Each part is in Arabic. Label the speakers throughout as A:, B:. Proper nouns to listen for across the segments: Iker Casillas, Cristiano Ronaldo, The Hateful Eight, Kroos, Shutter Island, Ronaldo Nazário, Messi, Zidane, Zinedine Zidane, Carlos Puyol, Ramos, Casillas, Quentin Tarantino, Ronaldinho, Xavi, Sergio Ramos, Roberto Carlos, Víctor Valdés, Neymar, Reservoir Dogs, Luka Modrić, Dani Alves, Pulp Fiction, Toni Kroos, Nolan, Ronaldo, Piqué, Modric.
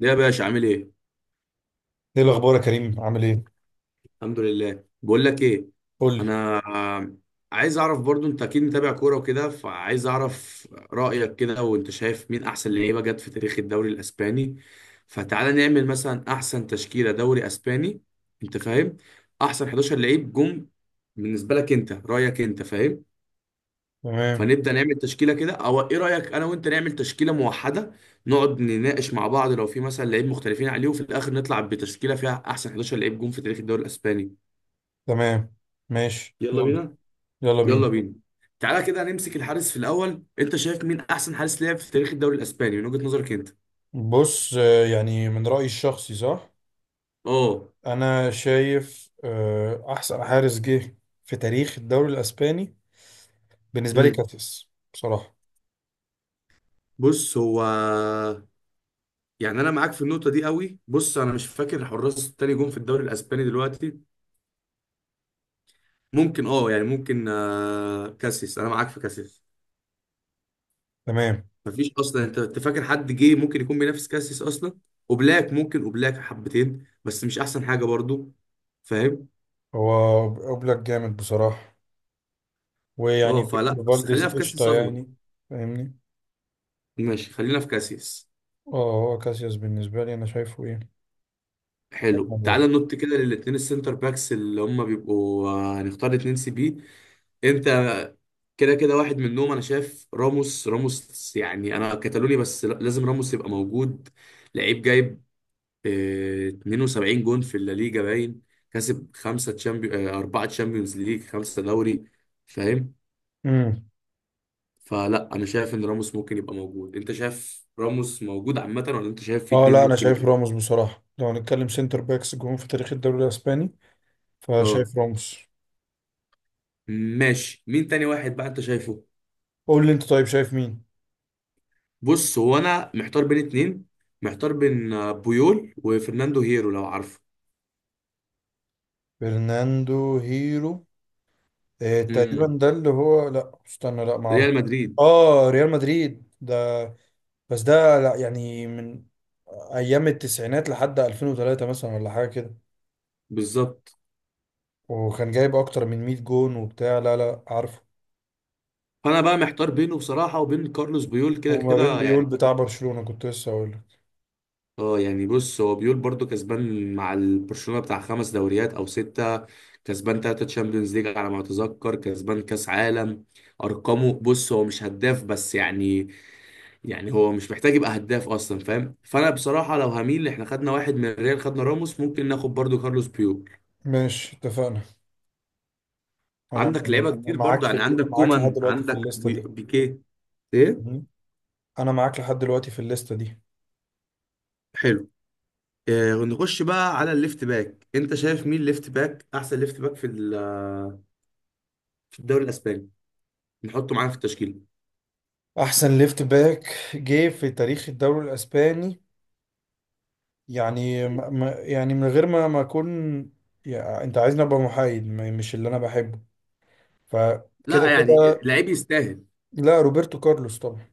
A: ده يا باشا عامل ايه؟
B: ايه الاخبار يا كريم؟ عامل ايه؟
A: الحمد لله. بقول لك ايه،
B: قول لي.
A: انا عايز اعرف برضو، انت اكيد متابع كوره وكده، فعايز اعرف رايك كده، وانت شايف مين احسن لعيبه جت في تاريخ الدوري الاسباني. فتعالى نعمل مثلا احسن تشكيله دوري اسباني، انت فاهم، احسن 11 لعيب جم بالنسبه لك، انت رايك، انت فاهم.
B: تمام.
A: فنبدأ نعمل تشكيلة كده، او ايه رأيك انا وانت نعمل تشكيلة موحدة، نقعد نناقش مع بعض، لو في مثلا لعيب مختلفين عليه، وفي الاخر نطلع بتشكيلة فيها احسن 11 لعيب جون في تاريخ الدوري الاسباني.
B: تمام. ماشي،
A: يلا
B: يلا.
A: بينا.
B: يلا بينا.
A: يلا بينا. تعالى كده نمسك الحارس في الاول، انت شايف مين احسن حارس لعب في تاريخ الدوري الاسباني من وجهة نظرك انت؟
B: بص، يعني من رايي الشخصي، صح؟
A: اه.
B: انا شايف احسن حارس جه في تاريخ الدوري الاسباني بالنسبه لي
A: امم
B: كاتيس، بصراحه.
A: بص هو، يعني انا معاك في النقطه دي قوي. بص انا مش فاكر حراس التاني جون في الدوري الاسباني دلوقتي. ممكن يعني ممكن كاسيس، انا معاك في كاسيس.
B: تمام.
A: مفيش اصلا. انت فاكر حد جه ممكن يكون بينافس كاسيس اصلا؟ وبلاك ممكن، وبلاك حبتين بس مش احسن حاجه برضو، فاهم؟
B: هو اوبلاك جامد بصراحه.
A: اه
B: ويعني فيكتور
A: فلا بس
B: فالديز
A: خلينا في كاسيس
B: قشطه،
A: صدمه.
B: يعني. فاهمني؟
A: ماشي خلينا في كاسيس.
B: اه، هو كاسياس بالنسبه لي، انا شايفه ايه.
A: حلو
B: رقم واحد.
A: تعالى ننط كده للاثنين السنتر باكس اللي هم بيبقوا، هنختار 2 سي بي. انت كده كده واحد منهم، انا شايف راموس، راموس يعني انا كتالوني بس لازم راموس يبقى موجود. لعيب جايب 72 جون في الليجا باين. كسب 5 تشامبيون، 4 تشامبيونز ليج، 5 دوري، فاهم؟
B: امم،
A: فلا أنا شايف إن راموس ممكن يبقى موجود. أنت شايف راموس موجود عامة، ولا أنت شايف في
B: اه،
A: اتنين
B: لا، انا
A: ممكن
B: شايف
A: يبقى؟
B: راموس بصراحه. لو هنتكلم سنتر باكس جون في تاريخ الدوري الاسباني،
A: أه.
B: فشايف راموس.
A: ماشي، مين تاني واحد بقى أنت شايفه؟
B: قول لي انت، طيب شايف مين؟
A: بص هو أنا محتار بين اتنين، محتار بين بويول وفرناندو هيرو، لو عارفه.
B: برناندو هيرو. اه، تقريبا
A: امم
B: ده اللي هو. لا استنى، لا ما اعرف.
A: ريال مدريد.
B: اه، ريال مدريد ده. بس ده، لا يعني، من ايام التسعينات لحد 2003 مثلا، ولا حاجه كده.
A: بالظبط.
B: وكان جايب اكتر من 100 جون وبتاع، لا لا، عارفه.
A: فأنا بقى محتار بينه بصراحة وبين كارلوس بويول، كده
B: وما بين
A: كده
B: بيقول
A: يعني.
B: بتاع برشلونه، كنت لسه اقول لك.
A: اه يعني بص هو بيقول برضو كسبان مع البرشلونة، بتاع 5 دوريات او ستة، كسبان 3 تشامبيونز ليج على ما اتذكر، كسبان كاس عالم. ارقامه، بص هو مش هداف بس يعني، يعني هو مش محتاج يبقى هداف اصلا، فاهم؟ فانا بصراحة لو هميل، احنا خدنا واحد من الريال، خدنا راموس، ممكن ناخد برضو كارلوس بيول.
B: ماشي، اتفقنا. انا
A: عندك
B: يعني
A: لعيبة كتير
B: معاك
A: برضو،
B: في
A: يعني عندك
B: معاك لحد
A: كومان،
B: دلوقتي في
A: عندك
B: الليسته دي.
A: بيكيه، ايه.
B: مم. انا معاك لحد دلوقتي في الليسته دي.
A: حلو. نخش بقى على الليفت باك، انت شايف مين ليفت باك، احسن ليفت باك في في الدوري الاسباني نحطه معانا في التشكيل؟
B: احسن ليفت باك جه في تاريخ الدوري الاسباني، يعني يعني من غير ما اكون، يعني انت عايزني ابقى محايد، مش اللي انا بحبه. فكده
A: لا يعني
B: كده،
A: لعيب يستاهل.
B: لا، روبرتو كارلوس طبعا.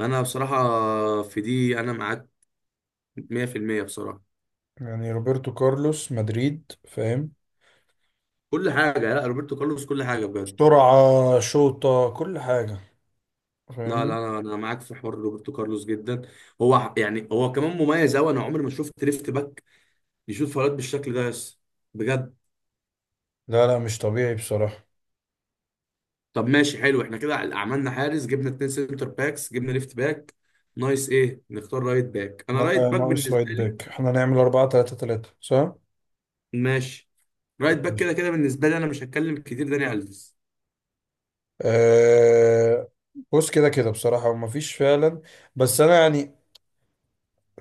A: انا بصراحه في دي انا معاك 100% بصراحه.
B: يعني روبرتو كارلوس مدريد، فاهم؟
A: كل حاجه، لا روبرتو كارلوس كل حاجه بجد.
B: سرعة، شوطة، كل حاجة.
A: لا
B: فاهمني؟
A: لا، انا معاك في حوار روبرتو كارلوس جدا. هو يعني هو كمان مميز قوي، انا عمري ما شفت ليفت باك يشوط فاولات بالشكل ده، بس بجد.
B: لا لا، مش طبيعي بصراحة.
A: طب ماشي حلو، احنا كده عملنا حارس، جبنا 2 سنتر باكس، جبنا ليفت باك. نايس. ايه، نختار رايت باك. انا رايت باك
B: ناقص رايت
A: بالنسبه لي.
B: باك، احنا نعمل 4 3 3 صح؟
A: ماشي. رايت باك كده
B: ماشي.
A: كده بالنسبه لي، انا مش هتكلم كتير، داني الفيس.
B: أه، بص كده كده بصراحة، ومفيش فعلا. بس انا يعني،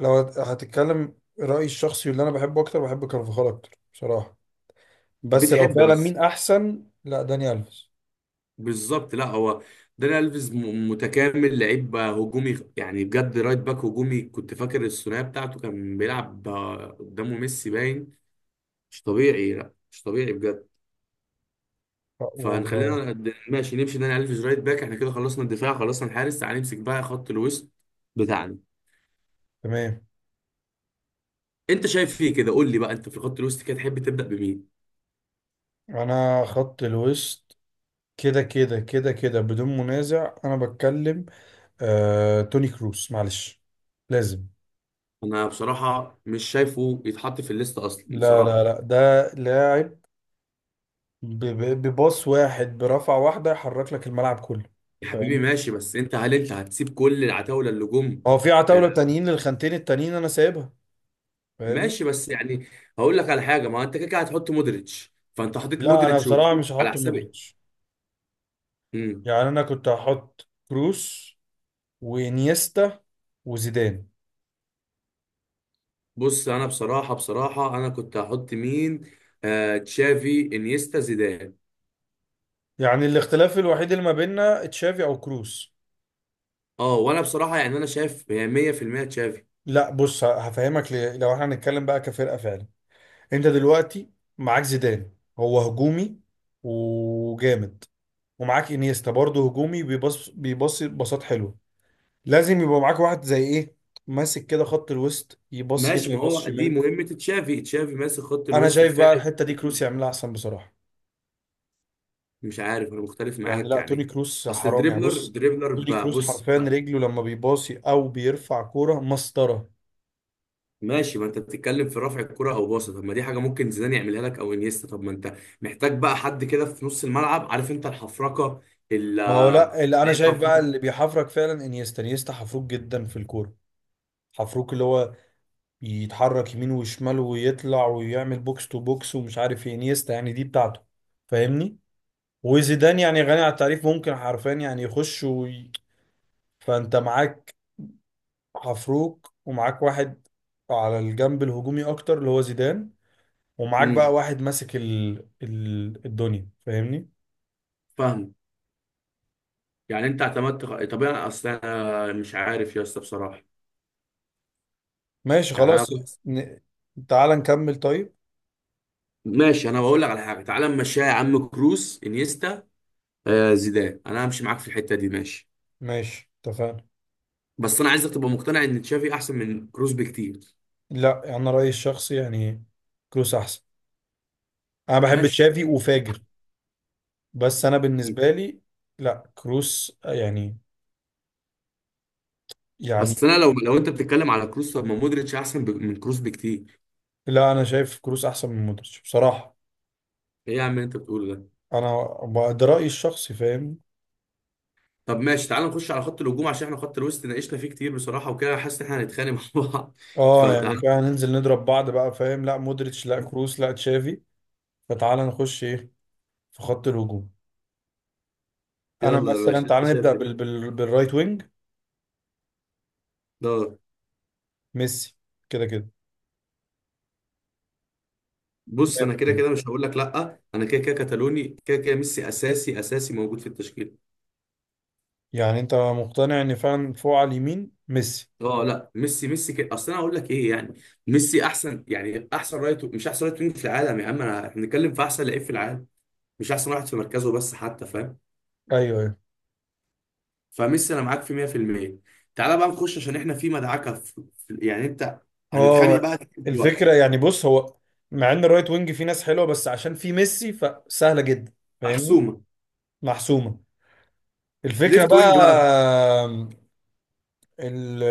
B: لو هتتكلم رأيي الشخصي، اللي انا بحبه اكتر، بحب كارفاخال اكتر بصراحة. بس لو
A: بتحب
B: فعلا
A: بس،
B: مين احسن، لا، داني الفيس.
A: بالظبط، لا هو داني الفيز متكامل، لعيب هجومي يعني بجد، رايت باك هجومي. كنت فاكر الثنائيه بتاعته كان بيلعب قدامه ميسي باين. مش طبيعي، لا مش طبيعي بجد.
B: و-
A: فهنخلينا ماشي نمشي داني الفيز رايت باك. احنا كده خلصنا الدفاع، خلصنا الحارس. تعال نمسك بقى خط الوسط بتاعنا.
B: تمام.
A: انت شايف فيه كده قول لي بقى، انت في الخط الوسط كده تحب تبدا بمين؟
B: انا خط الوسط كده كده كده كده بدون منازع، انا بتكلم توني كروس، معلش لازم.
A: انا بصراحه مش شايفه يتحط في الليست اصلا
B: لا لا
A: بصراحه.
B: لا، ده لاعب بباص واحد، برفعة واحدة يحرك لك الملعب كله.
A: يا حبيبي
B: فاهمني؟
A: ماشي، بس انت، هل انت هتسيب كل العتاوله اللي جم؟
B: هو في
A: آه.
B: عتاولة تانيين للخانتين التانيين انا سايبها. فاهمني؟
A: ماشي بس يعني، هقول لك على حاجه. ما انت كده كده هتحط مودريتش، فانت حطيت
B: لا، انا
A: مودريتش
B: بصراحة
A: وكروس
B: مش
A: على
B: هحط
A: حساب ايه؟
B: مودريتش.
A: امم.
B: يعني انا كنت هحط كروس، وانيستا، وزيدان.
A: بص انا بصراحه بصراحه انا كنت هحط مين، تشافي انيستا زيدان.
B: يعني الاختلاف الوحيد اللي ما بيننا تشافي او كروس.
A: اه وانا بصراحه يعني انا شايف هي 100% تشافي.
B: لا، بص هفهمك ليه. لو احنا هنتكلم بقى كفرقة فعلا، انت دلوقتي معاك زيدان، هو هجومي وجامد، ومعاك انيستا برضه هجومي، بيبص بيبص بساط حلو. لازم يبقى معاك واحد زي ايه، ماسك كده خط الوسط، يبص هنا
A: ماشي، ما
B: يبص
A: هو دي
B: شمال.
A: مهمه تشافي. تشافي ماسك خط
B: انا
A: الوسط
B: شايف بقى
A: دفاعي.
B: الحتة دي كروس يعملها احسن بصراحة.
A: مش عارف، انا مختلف
B: يعني
A: معاك
B: لا، توني
A: يعني.
B: كروس
A: اصل
B: حرام، يعني
A: الدريبلر
B: بص،
A: دريبلر
B: توني
A: بقى
B: كروس
A: بص.
B: حرفيا رجله لما بيباصي او بيرفع كوره مسطره.
A: ماشي ما انت بتتكلم في رفع الكرة او باصة، طب ما دي حاجة ممكن زيدان يعملها لك او انيستا، طب ما انت محتاج بقى حد كده في نص الملعب، عارف انت الحفركة، ال...
B: ما هو لا، اللي انا
A: لعيب
B: شايف بقى
A: حفروك.
B: اللي بيحفرك فعلا انيستا، انيستا حفروك جدا في الكوره. حفروك، اللي هو يتحرك يمين وشمال، ويطلع، ويعمل بوكس تو بوكس، ومش عارف ايه، انيستا يعني دي بتاعته. فاهمني؟ وزيدان يعني غني عن التعريف، ممكن حرفيا يعني يخش فانت معاك حفروك، ومعاك واحد على الجنب الهجومي اكتر اللي هو زيدان، ومعاك بقى
A: امم.
B: واحد ماسك الدنيا. فاهمني؟
A: فاهم. يعني انت اعتمدت، طب انا اصلا، انا مش عارف يا اسطى بصراحة.
B: ماشي، طب
A: يعني انا
B: خلاص.
A: بص.
B: ن... تعال نكمل طيب.
A: ماشي انا بقول لك على حاجة، تعالى نمشيها يا عم، كروس انيستا زيدان، انا همشي معاك في الحتة دي ماشي.
B: ماشي، اتفقنا.
A: بس انا عايزك تبقى مقتنع ان تشافي احسن من كروس بكتير.
B: لا، انا رأيي الشخصي يعني كروس احسن. انا بحب
A: ماشي.
B: تشافي وفاجر، بس انا بالنسبة لي لا، كروس يعني، يعني،
A: اصل انا لو انت بتتكلم على كروس، طب ما مودريتش احسن من كروس بكتير.
B: لا، انا شايف كروس احسن من مودريتش بصراحة.
A: ايه يا عم اللي انت بتقوله ده!
B: انا ده رأيي الشخصي، فاهم؟
A: طب ماشي تعال نخش على خط الهجوم، عشان احنا خط الوسط ناقشنا فيه كتير بصراحه وكده، حاسس ان احنا هنتخانق مع بعض
B: اه، يعني
A: فتعال.
B: كده ننزل نضرب بعض بقى، فاهم؟ لا مودريتش، لا كروس، لا تشافي. فتعال نخش ايه في خط الهجوم. انا
A: يلا يا
B: مثلا
A: باشا،
B: تعال
A: انت
B: نبدا
A: شايف ايه؟
B: بالرايت وينج.
A: دور.
B: ميسي كده كده،
A: بص انا كده
B: 100%.
A: كده مش هقول لك، لا انا كده كده كتالوني، كده كده ميسي اساسي، اساسي موجود في التشكيل.
B: يعني انت مقتنع ان فعلا فوق على اليمين ميسي.
A: اه لا ميسي، ميسي كده، اصل انا هقول لك ايه يعني، ميسي احسن، يعني احسن رايت، مش احسن رايت وينج في العالم يا عم، انا احنا بنتكلم في احسن لعيب في العالم، مش احسن واحد في مركزه بس حتى، فاهم؟
B: ايوه، ايوه.
A: فميسي انا معاك في 100%. تعالى بقى نخش، عشان احنا في مدعكه، يعني انت، هنتخانق
B: هو
A: بقى دلوقتي.
B: الفكره، يعني بص، هو مع ان الرايت وينج فيه ناس حلوه، بس عشان فيه ميسي فسهله جدا. فاهمني؟
A: محسومه.
B: محسومه. الفكره
A: ليفت
B: بقى،
A: وينج بقى.
B: ال...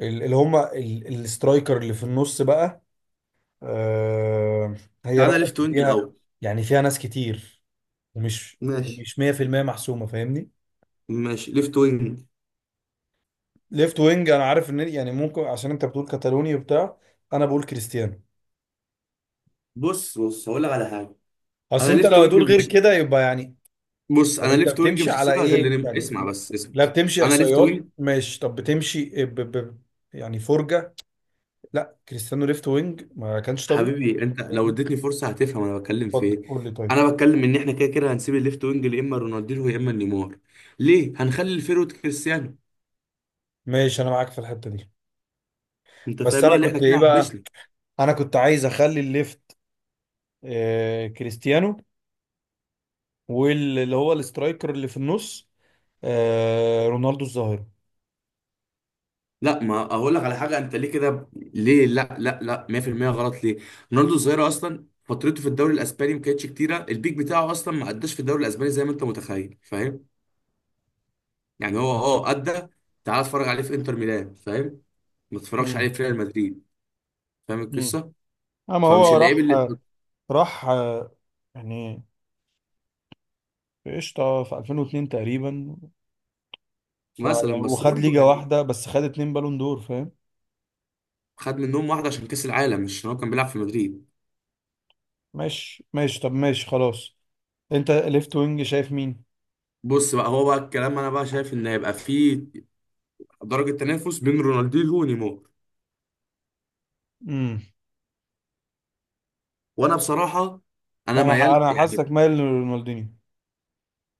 B: اللي هم السترايكر اللي في النص بقى، آه، هي
A: تعالى
B: بقى
A: ليفت وينج
B: فيها،
A: الاول.
B: يعني فيها ناس كتير، ومش
A: ماشي.
B: مش 100% محسومه. فاهمني؟
A: ماشي ليفت وينج.
B: ليفت وينج، انا عارف ان يعني ممكن عشان انت بتقول كاتالوني وبتاع، انا بقول كريستيانو.
A: بص بص هقول لك على حاجه. انا
B: اصل انت لو
A: ليفت وينج
B: هتقول غير
A: مش
B: كده يبقى، يعني،
A: بص
B: طب
A: انا
B: انت
A: ليفت وينج
B: بتمشي
A: مش
B: على
A: هسيبها غير
B: ايه؟ يعني
A: اسمع بس اسمع.
B: لا، بتمشي
A: انا ليفت وينج.
B: احصائيات؟ ماشي، طب بتمشي يعني فرجة؟ لا، كريستيانو ليفت وينج ما كانش طبيعي.
A: حبيبي انت لو
B: فاهم؟
A: اديتني فرصه هتفهم انا بتكلم في
B: اتفضل
A: ايه.
B: قول لي، طيب.
A: انا بتكلم ان احنا كده كده هنسيب الليفت وينج يا اما رونالدينو يا اما نيمار. ليه هنخلي الفيرود كريستيانو.
B: ماشي، انا معاك في الحتة دي.
A: انت فاهم
B: بس
A: اللي هو
B: انا
A: اللي احنا
B: كنت
A: كده.
B: ايه بقى؟ انا كنت عايز اخلي الليفت كريستيانو، واللي هو الاسترايكر اللي في النص رونالدو الظاهرة.
A: لا ما اقول لك على حاجه، انت ليه كده، ليه، لا لا لا 100% غلط ليه. رونالدو الظاهره اصلا فترته في الدوري الاسباني ما كانتش كتيره، البيك بتاعه اصلا ما قداش في الدوري الاسباني زي ما انت متخيل، فاهم؟ يعني هو ادى. تعال اتفرج عليه في انتر ميلان فاهم، ما تتفرجش عليه
B: امم،
A: في ريال مدريد. فاهم القصه.
B: اما
A: فمش
B: هو
A: اللعيب
B: راح
A: اللي.
B: راح، يعني في قشطه في 2002 تقريبا، ف يعني
A: مثلا بس
B: وخد
A: برضه
B: ليجا
A: يعني،
B: واحده بس، خد اتنين بالون دور، فاهم؟
A: خد منهم واحده عشان كاس العالم، مش عشان هو كان بيلعب في مدريد.
B: ماشي ماشي، طب ماشي خلاص. انت ليفت وينج شايف مين؟
A: بص بقى، هو بقى الكلام، انا بقى شايف ان هيبقى فيه درجه تنافس بين رونالدينيو ونيمار.
B: امم
A: وانا بصراحه، انا
B: انا
A: ميال
B: انا
A: يعني.
B: حاسسك مايل لرونالدينيو.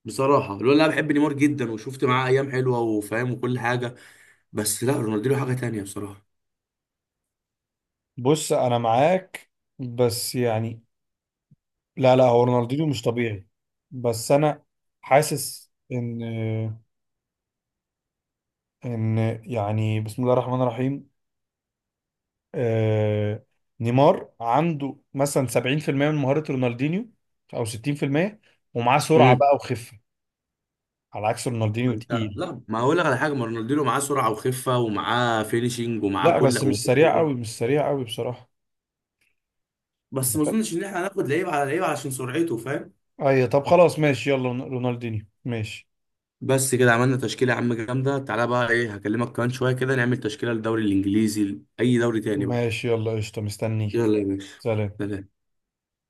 A: بصراحة الولد اللي انا بحب نيمار جدا، وشفت معاه ايام حلوة وفاهم وكل حاجة، بس لا، رونالدينيو حاجة تانية بصراحة.
B: بص انا معاك، بس يعني لا لا، هو رونالدينيو مش طبيعي. بس انا حاسس ان ان يعني، بسم الله الرحمن الرحيم. آه نيمار عنده مثلا 70% من مهارة رونالدينيو، او 60%، ومعاه سرعة
A: امم.
B: بقى وخفة، على عكس رونالدينيو
A: انت،
B: تقيل.
A: لا ما اقول لك على حاجة، ما رونالدينيو معاه سرعة وخفة ومعاه فينيشنج ومعاه
B: لا،
A: كل
B: بس مش سريع
A: ومراوغة
B: قوي، مش سريع قوي بصراحة.
A: بس ما اظنش ان احنا هناخد لعيب على لعيب علشان سرعته، فاهم؟
B: اي، طب خلاص ماشي، يلا رونالدينيو ماشي.
A: بس كده عملنا تشكيلة يا عم جامدة. تعالى بقى، ايه، هكلمك كمان شوية كده نعمل تشكيلة للدوري الانجليزي، اي دوري تاني بقى.
B: ماشي، يلا قشطة، مستنيك.
A: يلا يا باشا،
B: سلام.
A: سلام.